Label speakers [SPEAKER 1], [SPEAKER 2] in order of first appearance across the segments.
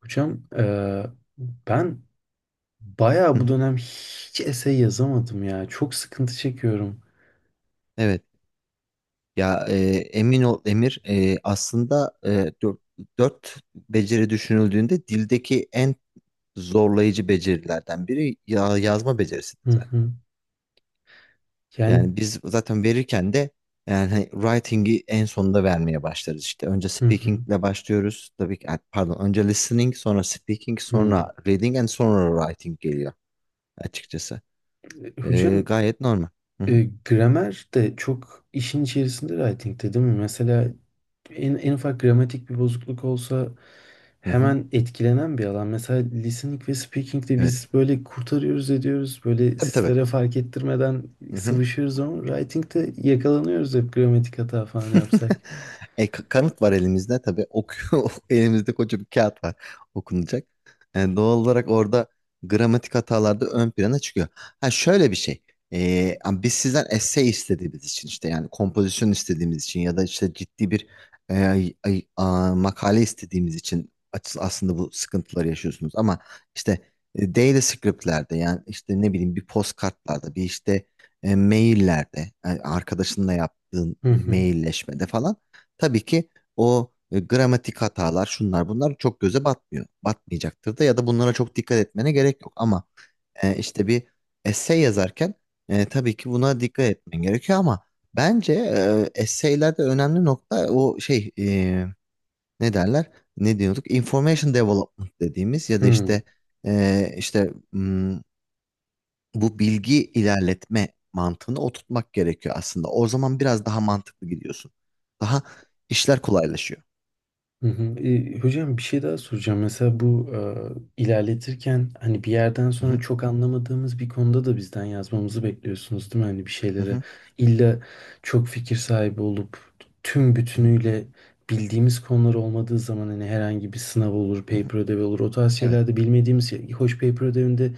[SPEAKER 1] Hocam ben
[SPEAKER 2] Hı
[SPEAKER 1] bayağı bu
[SPEAKER 2] hı.
[SPEAKER 1] dönem hiç essay yazamadım ya. Çok sıkıntı çekiyorum.
[SPEAKER 2] Evet. Ya emin ol Emir, aslında, dört beceri düşünüldüğünde dildeki en zorlayıcı becerilerden biri ya, yazma becerisidir
[SPEAKER 1] Hı
[SPEAKER 2] zaten.
[SPEAKER 1] hı. Yani
[SPEAKER 2] Yani biz zaten verirken de yani hani writing'i en sonunda vermeye başlarız işte. Önce
[SPEAKER 1] hı hı.
[SPEAKER 2] speaking'le başlıyoruz. Tabii ki, pardon önce listening sonra speaking
[SPEAKER 1] Hı.
[SPEAKER 2] sonra reading and sonra writing geliyor açıkçası.
[SPEAKER 1] Hocam
[SPEAKER 2] Gayet normal. Hı hı.
[SPEAKER 1] gramer de çok işin içerisinde writing'te değil mi? Mesela en ufak gramatik bir bozukluk olsa
[SPEAKER 2] Hı hı.
[SPEAKER 1] hemen etkilenen bir alan. Mesela listening ve speaking'de
[SPEAKER 2] Evet.
[SPEAKER 1] biz böyle kurtarıyoruz ediyoruz. Böyle
[SPEAKER 2] Tabii tabii.
[SPEAKER 1] sizlere fark ettirmeden
[SPEAKER 2] Hı hı.
[SPEAKER 1] sıvışıyoruz ama writing'te yakalanıyoruz hep gramatik hata falan yapsak.
[SPEAKER 2] Kanıt var elimizde tabii. Okuyor. Elimizde koca bir kağıt var okunacak. Doğal olarak orada gramatik hatalar da ön plana çıkıyor. Ha şöyle bir şey. Ama biz sizden essay istediğimiz için işte yani kompozisyon istediğimiz için ya da işte ciddi bir makale istediğimiz için aslında bu sıkıntıları yaşıyorsunuz. Ama işte, daily script'lerde yani işte ne bileyim bir postkartlarda bir işte, maillerde, arkadaşınla yaptığın
[SPEAKER 1] Hı hı.
[SPEAKER 2] mailleşmede falan tabii ki o gramatik hatalar şunlar bunlar çok göze batmıyor. Batmayacaktır da ya da bunlara çok dikkat etmene gerek yok ama, işte bir essay yazarken, tabii ki buna dikkat etmen gerekiyor ama bence, essaylerde önemli nokta o şey, ne derler? Ne diyorduk? Information development dediğimiz ya da
[SPEAKER 1] Hmm.
[SPEAKER 2] işte, bu bilgi ilerletme mantığını oturtmak gerekiyor aslında. O zaman biraz daha mantıklı gidiyorsun. Daha işler kolaylaşıyor.
[SPEAKER 1] Hı hı. E, hocam bir şey daha soracağım. Mesela bu ilerletirken hani bir yerden
[SPEAKER 2] Hı
[SPEAKER 1] sonra
[SPEAKER 2] hı,
[SPEAKER 1] çok anlamadığımız bir konuda da bizden yazmamızı bekliyorsunuz değil mi? Hani bir
[SPEAKER 2] hı
[SPEAKER 1] şeylere
[SPEAKER 2] hı,
[SPEAKER 1] illa çok fikir sahibi olup tüm
[SPEAKER 2] hı hı,
[SPEAKER 1] bütünüyle bildiğimiz konular olmadığı zaman hani herhangi bir sınav olur,
[SPEAKER 2] hı hı.
[SPEAKER 1] paper ödevi olur. O tarz
[SPEAKER 2] Evet.
[SPEAKER 1] şeylerde bilmediğimiz şey. Hoş paper ödevinde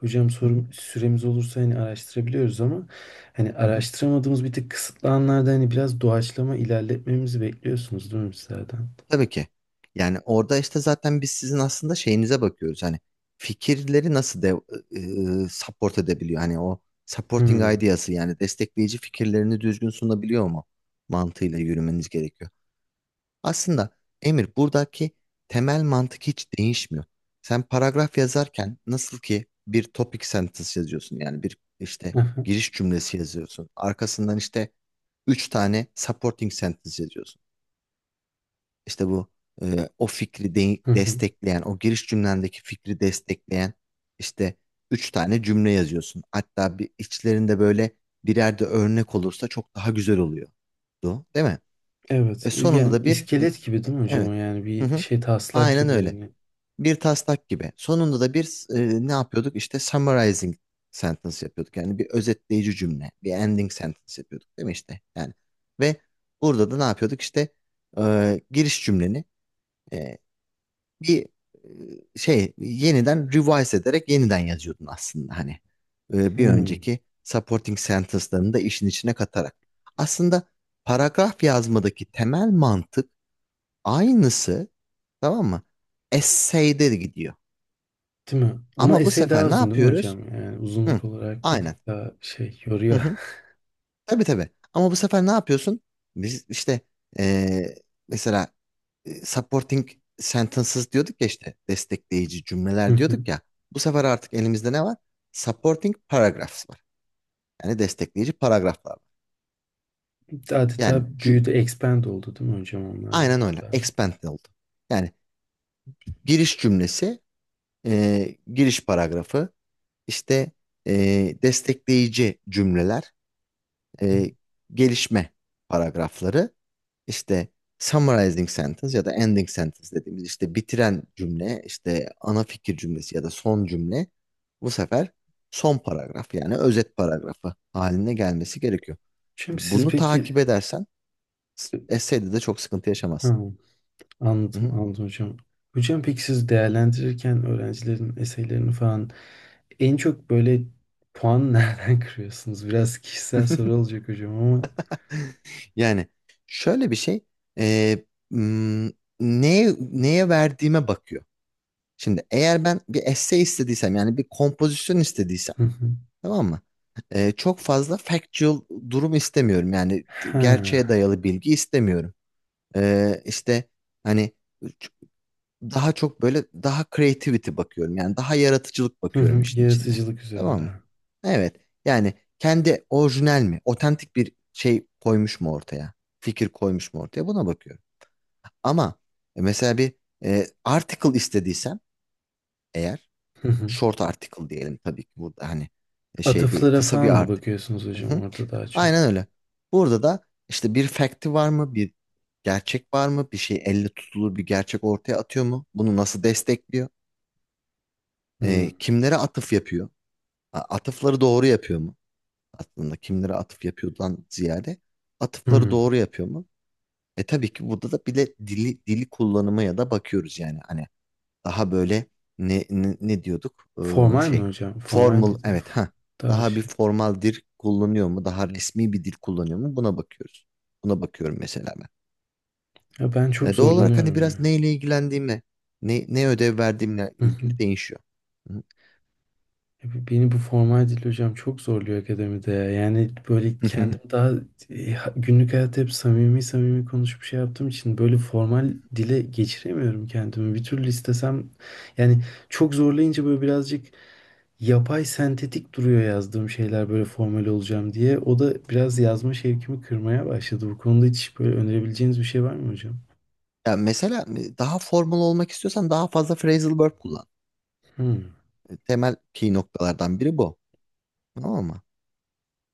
[SPEAKER 1] hocam
[SPEAKER 2] Hı hı,
[SPEAKER 1] sorum, süremiz olursa hani araştırabiliyoruz ama hani
[SPEAKER 2] hı hı.
[SPEAKER 1] araştıramadığımız bir tık kısıtlı anlarda hani biraz doğaçlama ilerletmemizi bekliyorsunuz değil mi sizlerden?
[SPEAKER 2] Tabii ki. Yani orada işte zaten biz sizin aslında şeyinize bakıyoruz. Hani fikirleri nasıl support edebiliyor? Hani o supporting
[SPEAKER 1] Hmm.
[SPEAKER 2] ideası yani destekleyici fikirlerini düzgün sunabiliyor mu? Mantığıyla yürümeniz gerekiyor. Aslında Emir buradaki temel mantık hiç değişmiyor. Sen paragraf yazarken nasıl ki bir topic sentence yazıyorsun yani bir işte
[SPEAKER 1] Hı hı,
[SPEAKER 2] giriş cümlesi yazıyorsun. Arkasından işte üç tane supporting sentence yazıyorsun. İşte bu, o fikri
[SPEAKER 1] hı hı.
[SPEAKER 2] destekleyen, o giriş cümlendeki fikri destekleyen işte üç tane cümle yazıyorsun. Hatta bir içlerinde böyle birer de örnek olursa çok daha güzel oluyor. Değil mi?
[SPEAKER 1] Evet.
[SPEAKER 2] Sonunda
[SPEAKER 1] Yani
[SPEAKER 2] da bir e,
[SPEAKER 1] iskelet gibi
[SPEAKER 2] e,
[SPEAKER 1] değil mi hocam? O
[SPEAKER 2] evet.
[SPEAKER 1] yani
[SPEAKER 2] Hı
[SPEAKER 1] bir
[SPEAKER 2] hı.
[SPEAKER 1] şey taslak
[SPEAKER 2] Aynen
[SPEAKER 1] gibi
[SPEAKER 2] öyle.
[SPEAKER 1] yani.
[SPEAKER 2] Bir taslak gibi. Sonunda da bir, ne yapıyorduk? İşte summarizing sentence yapıyorduk. Yani bir özetleyici cümle, bir ending sentence yapıyorduk değil mi işte? Yani ve burada da ne yapıyorduk? İşte, giriş cümleni e, bir, şey yeniden revise ederek yeniden yazıyordun aslında hani. Bir
[SPEAKER 1] Hmm.
[SPEAKER 2] önceki supporting sentence'larını da işin içine katarak. Aslında paragraf yazmadaki temel mantık aynısı, tamam mı? Essay'de de gidiyor.
[SPEAKER 1] Değil mi? Ama
[SPEAKER 2] Ama bu
[SPEAKER 1] esey daha
[SPEAKER 2] sefer ne
[SPEAKER 1] uzun değil mi
[SPEAKER 2] yapıyoruz?
[SPEAKER 1] hocam? Yani
[SPEAKER 2] Hı,
[SPEAKER 1] uzunluk olarak bir
[SPEAKER 2] aynen.
[SPEAKER 1] tık daha şey
[SPEAKER 2] Hı
[SPEAKER 1] yoruyor.
[SPEAKER 2] hı. Tabii tabii. Ama bu sefer ne yapıyorsun? Biz işte eee, mesela, supporting sentences diyorduk ya işte destekleyici
[SPEAKER 1] Hı
[SPEAKER 2] cümleler
[SPEAKER 1] hı.
[SPEAKER 2] diyorduk ya. Bu sefer artık elimizde ne var? Supporting paragraphs var. Yani destekleyici paragraflar var. Yani
[SPEAKER 1] Adeta büyüdü, expand oldu değil mi hocam onlar
[SPEAKER 2] aynen
[SPEAKER 1] böyle
[SPEAKER 2] öyle.
[SPEAKER 1] daha.
[SPEAKER 2] Expand oldu. Yani giriş cümlesi, giriş paragrafı, işte, destekleyici cümleler, e, gelişme paragrafları, işte summarizing sentence ya da ending sentence dediğimiz işte bitiren cümle, işte ana fikir cümlesi ya da son cümle bu sefer son paragraf yani özet paragrafı haline gelmesi gerekiyor.
[SPEAKER 1] Hocam siz
[SPEAKER 2] Bunu takip
[SPEAKER 1] peki.
[SPEAKER 2] edersen essay'de de çok sıkıntı
[SPEAKER 1] Ha,
[SPEAKER 2] yaşamazsın. Hı
[SPEAKER 1] anladım
[SPEAKER 2] hı.
[SPEAKER 1] anladım hocam. Hocam peki siz değerlendirirken öğrencilerin eseylerini falan en çok böyle puan nereden kırıyorsunuz? Biraz kişisel soru olacak hocam ama.
[SPEAKER 2] Yani şöyle bir şey, e, m, neye verdiğime bakıyor. Şimdi eğer ben bir essay istediysem yani bir kompozisyon istediysem tamam mı? Çok fazla factual durum istemiyorum. Yani gerçeğe
[SPEAKER 1] Ha.
[SPEAKER 2] dayalı bilgi istemiyorum. İşte hani ç- daha çok böyle daha creativity bakıyorum. Yani daha yaratıcılık
[SPEAKER 1] Hı
[SPEAKER 2] bakıyorum
[SPEAKER 1] hı.
[SPEAKER 2] işin içinde.
[SPEAKER 1] Yaratıcılık üzerinde.
[SPEAKER 2] Tamam mı? Evet. Yani kendi orijinal mi? Otantik bir şey koymuş mu ortaya? Fikir koymuş mu ortaya? Buna bakıyorum. Ama mesela bir, article istediysem eğer
[SPEAKER 1] Hı hı.
[SPEAKER 2] short article diyelim tabii ki burada hani, şey değil
[SPEAKER 1] Atıflara
[SPEAKER 2] kısa bir
[SPEAKER 1] falan mı
[SPEAKER 2] article.
[SPEAKER 1] bakıyorsunuz
[SPEAKER 2] Hı
[SPEAKER 1] hocam
[SPEAKER 2] hı.
[SPEAKER 1] orada daha
[SPEAKER 2] Aynen
[SPEAKER 1] çok?
[SPEAKER 2] öyle. Burada da işte bir fact'i var mı? Bir gerçek var mı? Bir şey elle tutulur bir gerçek ortaya atıyor mu? Bunu nasıl destekliyor? Ee,
[SPEAKER 1] Hı.
[SPEAKER 2] kimlere atıf yapıyor? Atıfları doğru yapıyor mu? Aslında kimlere atıf yapıyordan ziyade atıfları
[SPEAKER 1] Hı.
[SPEAKER 2] doğru yapıyor mu? Tabii ki burada da bile dili kullanıma ya da bakıyoruz yani. Hani daha böyle ne diyorduk? Ee,
[SPEAKER 1] Formal mi
[SPEAKER 2] şey
[SPEAKER 1] hocam? Formal
[SPEAKER 2] formal,
[SPEAKER 1] bir dil.
[SPEAKER 2] evet, ha,
[SPEAKER 1] Daha
[SPEAKER 2] daha bir
[SPEAKER 1] şey.
[SPEAKER 2] formal dil kullanıyor mu? Daha resmi bir dil kullanıyor mu? Buna bakıyoruz. Buna bakıyorum mesela ben.
[SPEAKER 1] Ya ben çok
[SPEAKER 2] Doğal olarak hani
[SPEAKER 1] zorlanıyorum ya.
[SPEAKER 2] biraz neyle ilgilendiğime, ne ödev verdiğimle
[SPEAKER 1] Hı hı.
[SPEAKER 2] ilgili değişiyor. Hı.
[SPEAKER 1] Ya beni bu formal dil hocam çok zorluyor akademide ya. Yani böyle
[SPEAKER 2] Hı.
[SPEAKER 1] kendim daha günlük hayatta hep samimi samimi konuşup şey yaptığım için böyle formal dile geçiremiyorum kendimi. Bir türlü istesem yani çok zorlayınca böyle birazcık yapay sentetik duruyor yazdığım şeyler böyle formal olacağım diye. O da biraz yazma şevkimi kırmaya başladı. Bu konuda hiç böyle önerebileceğiniz bir şey var mı hocam?
[SPEAKER 2] Ya mesela, daha formal olmak istiyorsan daha fazla phrasal verb kullan.
[SPEAKER 1] Hmm.
[SPEAKER 2] Temel key noktalardan biri bu. Tamam mı?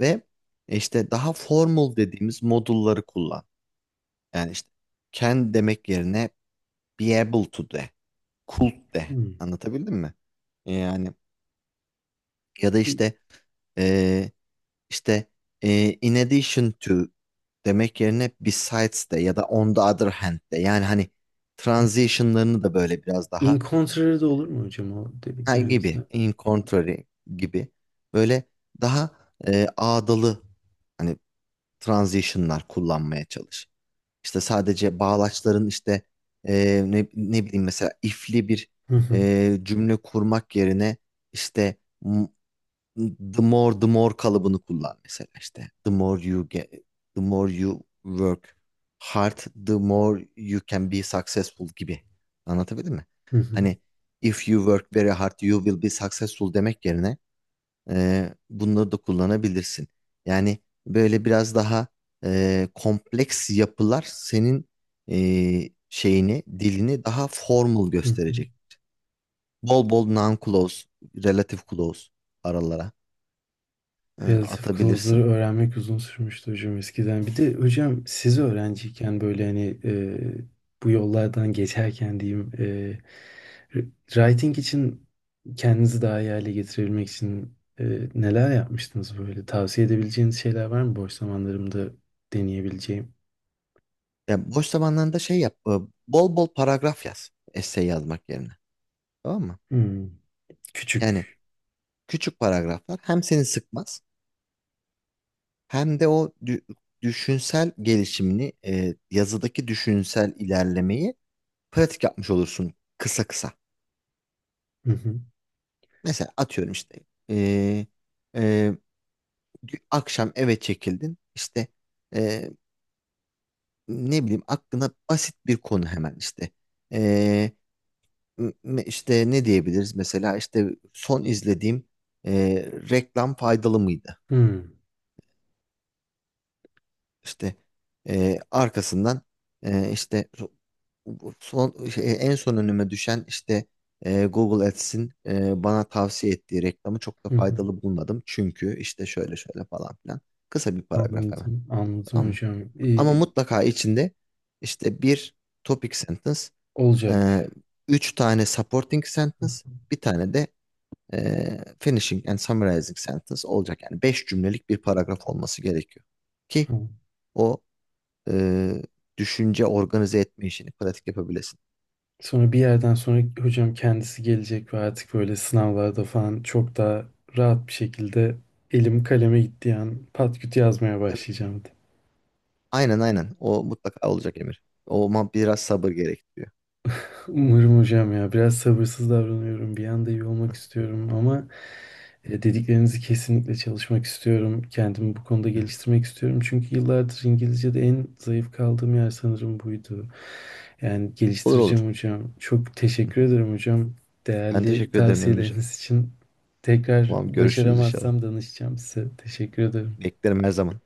[SPEAKER 2] Ve, işte daha formal dediğimiz modulları kullan. Yani işte can demek yerine be able to de, could de.
[SPEAKER 1] Hmm.
[SPEAKER 2] Anlatabildim mi? Yani ya da
[SPEAKER 1] Bir
[SPEAKER 2] işte e, işte in addition to demek yerine besides de ya da on the other hand de. Yani hani
[SPEAKER 1] hmm.
[SPEAKER 2] transitionlarını da böyle biraz
[SPEAKER 1] In
[SPEAKER 2] daha
[SPEAKER 1] contrary de olur mu hocam o
[SPEAKER 2] ha,
[SPEAKER 1] dediklerinize?
[SPEAKER 2] gibi in contrary gibi böyle daha, ağdalı hani transitionlar kullanmaya çalış. İşte sadece bağlaçların işte, ne bileyim mesela ifli bir
[SPEAKER 1] Hı hı.
[SPEAKER 2] e, cümle kurmak yerine işte m- the more the more kalıbını kullan mesela işte the more you get the more you work hard the more you can be successful gibi anlatabildim mi?
[SPEAKER 1] Hı hı.
[SPEAKER 2] Hani if you work very hard you will be successful demek yerine bunları da kullanabilirsin. Yani böyle biraz daha, kompleks yapılar senin, şeyini, dilini daha formal
[SPEAKER 1] Hı hı.
[SPEAKER 2] gösterecek. Bol bol non-clause, relative clause aralara,
[SPEAKER 1] Relative clause'ları
[SPEAKER 2] atabilirsin.
[SPEAKER 1] öğrenmek uzun sürmüştü hocam eskiden. Bir de hocam siz öğrenciyken böyle hani bu yollardan geçerken diyeyim writing için kendinizi daha iyi hale getirebilmek için neler yapmıştınız böyle? Tavsiye edebileceğiniz şeyler var mı boş zamanlarımda deneyebileceğim?
[SPEAKER 2] Ya boş zamanlarında şey yap, bol bol paragraf yaz, essay yazmak yerine. Tamam mı?
[SPEAKER 1] Hmm,
[SPEAKER 2] Yani
[SPEAKER 1] küçük.
[SPEAKER 2] küçük paragraflar hem seni sıkmaz hem de o düşünsel gelişimini, yazıdaki düşünsel ilerlemeyi pratik yapmış olursun kısa kısa.
[SPEAKER 1] Hı hı.
[SPEAKER 2] Mesela atıyorum işte eee, eee, akşam eve çekildin işte eee, ne bileyim aklına basit bir konu hemen işte Eee, işte ne diyebiliriz mesela işte son izlediğim reklam faydalı mıydı?
[SPEAKER 1] Hmm,
[SPEAKER 2] İşte, arkasından, işte son şey, en son önüme düşen işte, Google Ads'in, bana tavsiye ettiği reklamı çok da
[SPEAKER 1] hı hı.
[SPEAKER 2] faydalı bulmadım. Çünkü işte şöyle şöyle falan filan. Kısa bir paragraf hemen.
[SPEAKER 1] Anladım
[SPEAKER 2] Tamam mı?
[SPEAKER 1] hocam.
[SPEAKER 2] Ama
[SPEAKER 1] İyi,
[SPEAKER 2] mutlaka içinde işte bir topic sentence, e,
[SPEAKER 1] olacak.
[SPEAKER 2] üç tane supporting
[SPEAKER 1] Hı
[SPEAKER 2] sentence, bir tane de, finishing and summarizing sentence olacak. Yani beş cümlelik bir paragraf olması gerekiyor. Ki
[SPEAKER 1] hı.
[SPEAKER 2] o e, düşünce organize etme işini pratik yapabilesin.
[SPEAKER 1] Sonra bir yerden sonra hocam kendisi gelecek ve artık böyle sınavlarda falan çok daha rahat bir şekilde elim kaleme gittiği an pat küt yazmaya
[SPEAKER 2] Tabii ki.
[SPEAKER 1] başlayacağım.
[SPEAKER 2] Aynen aynen. O mutlaka olacak Emir. O ama biraz sabır gerektiriyor.
[SPEAKER 1] Umarım hocam ya biraz sabırsız davranıyorum. Bir anda iyi olmak istiyorum ama dediklerinizi kesinlikle çalışmak istiyorum. Kendimi bu konuda
[SPEAKER 2] Hı hı.
[SPEAKER 1] geliştirmek istiyorum. Çünkü yıllardır İngilizce'de en zayıf kaldığım yer sanırım buydu. Yani
[SPEAKER 2] Olur olur.
[SPEAKER 1] geliştireceğim hocam. Çok
[SPEAKER 2] Hı
[SPEAKER 1] teşekkür
[SPEAKER 2] hı.
[SPEAKER 1] ederim hocam.
[SPEAKER 2] Ben
[SPEAKER 1] Değerli
[SPEAKER 2] teşekkür ederim Emirciğim.
[SPEAKER 1] tavsiyeleriniz için. Tekrar
[SPEAKER 2] Tamam görüşürüz inşallah.
[SPEAKER 1] başaramazsam danışacağım size. Teşekkür ederim.
[SPEAKER 2] Beklerim her zaman.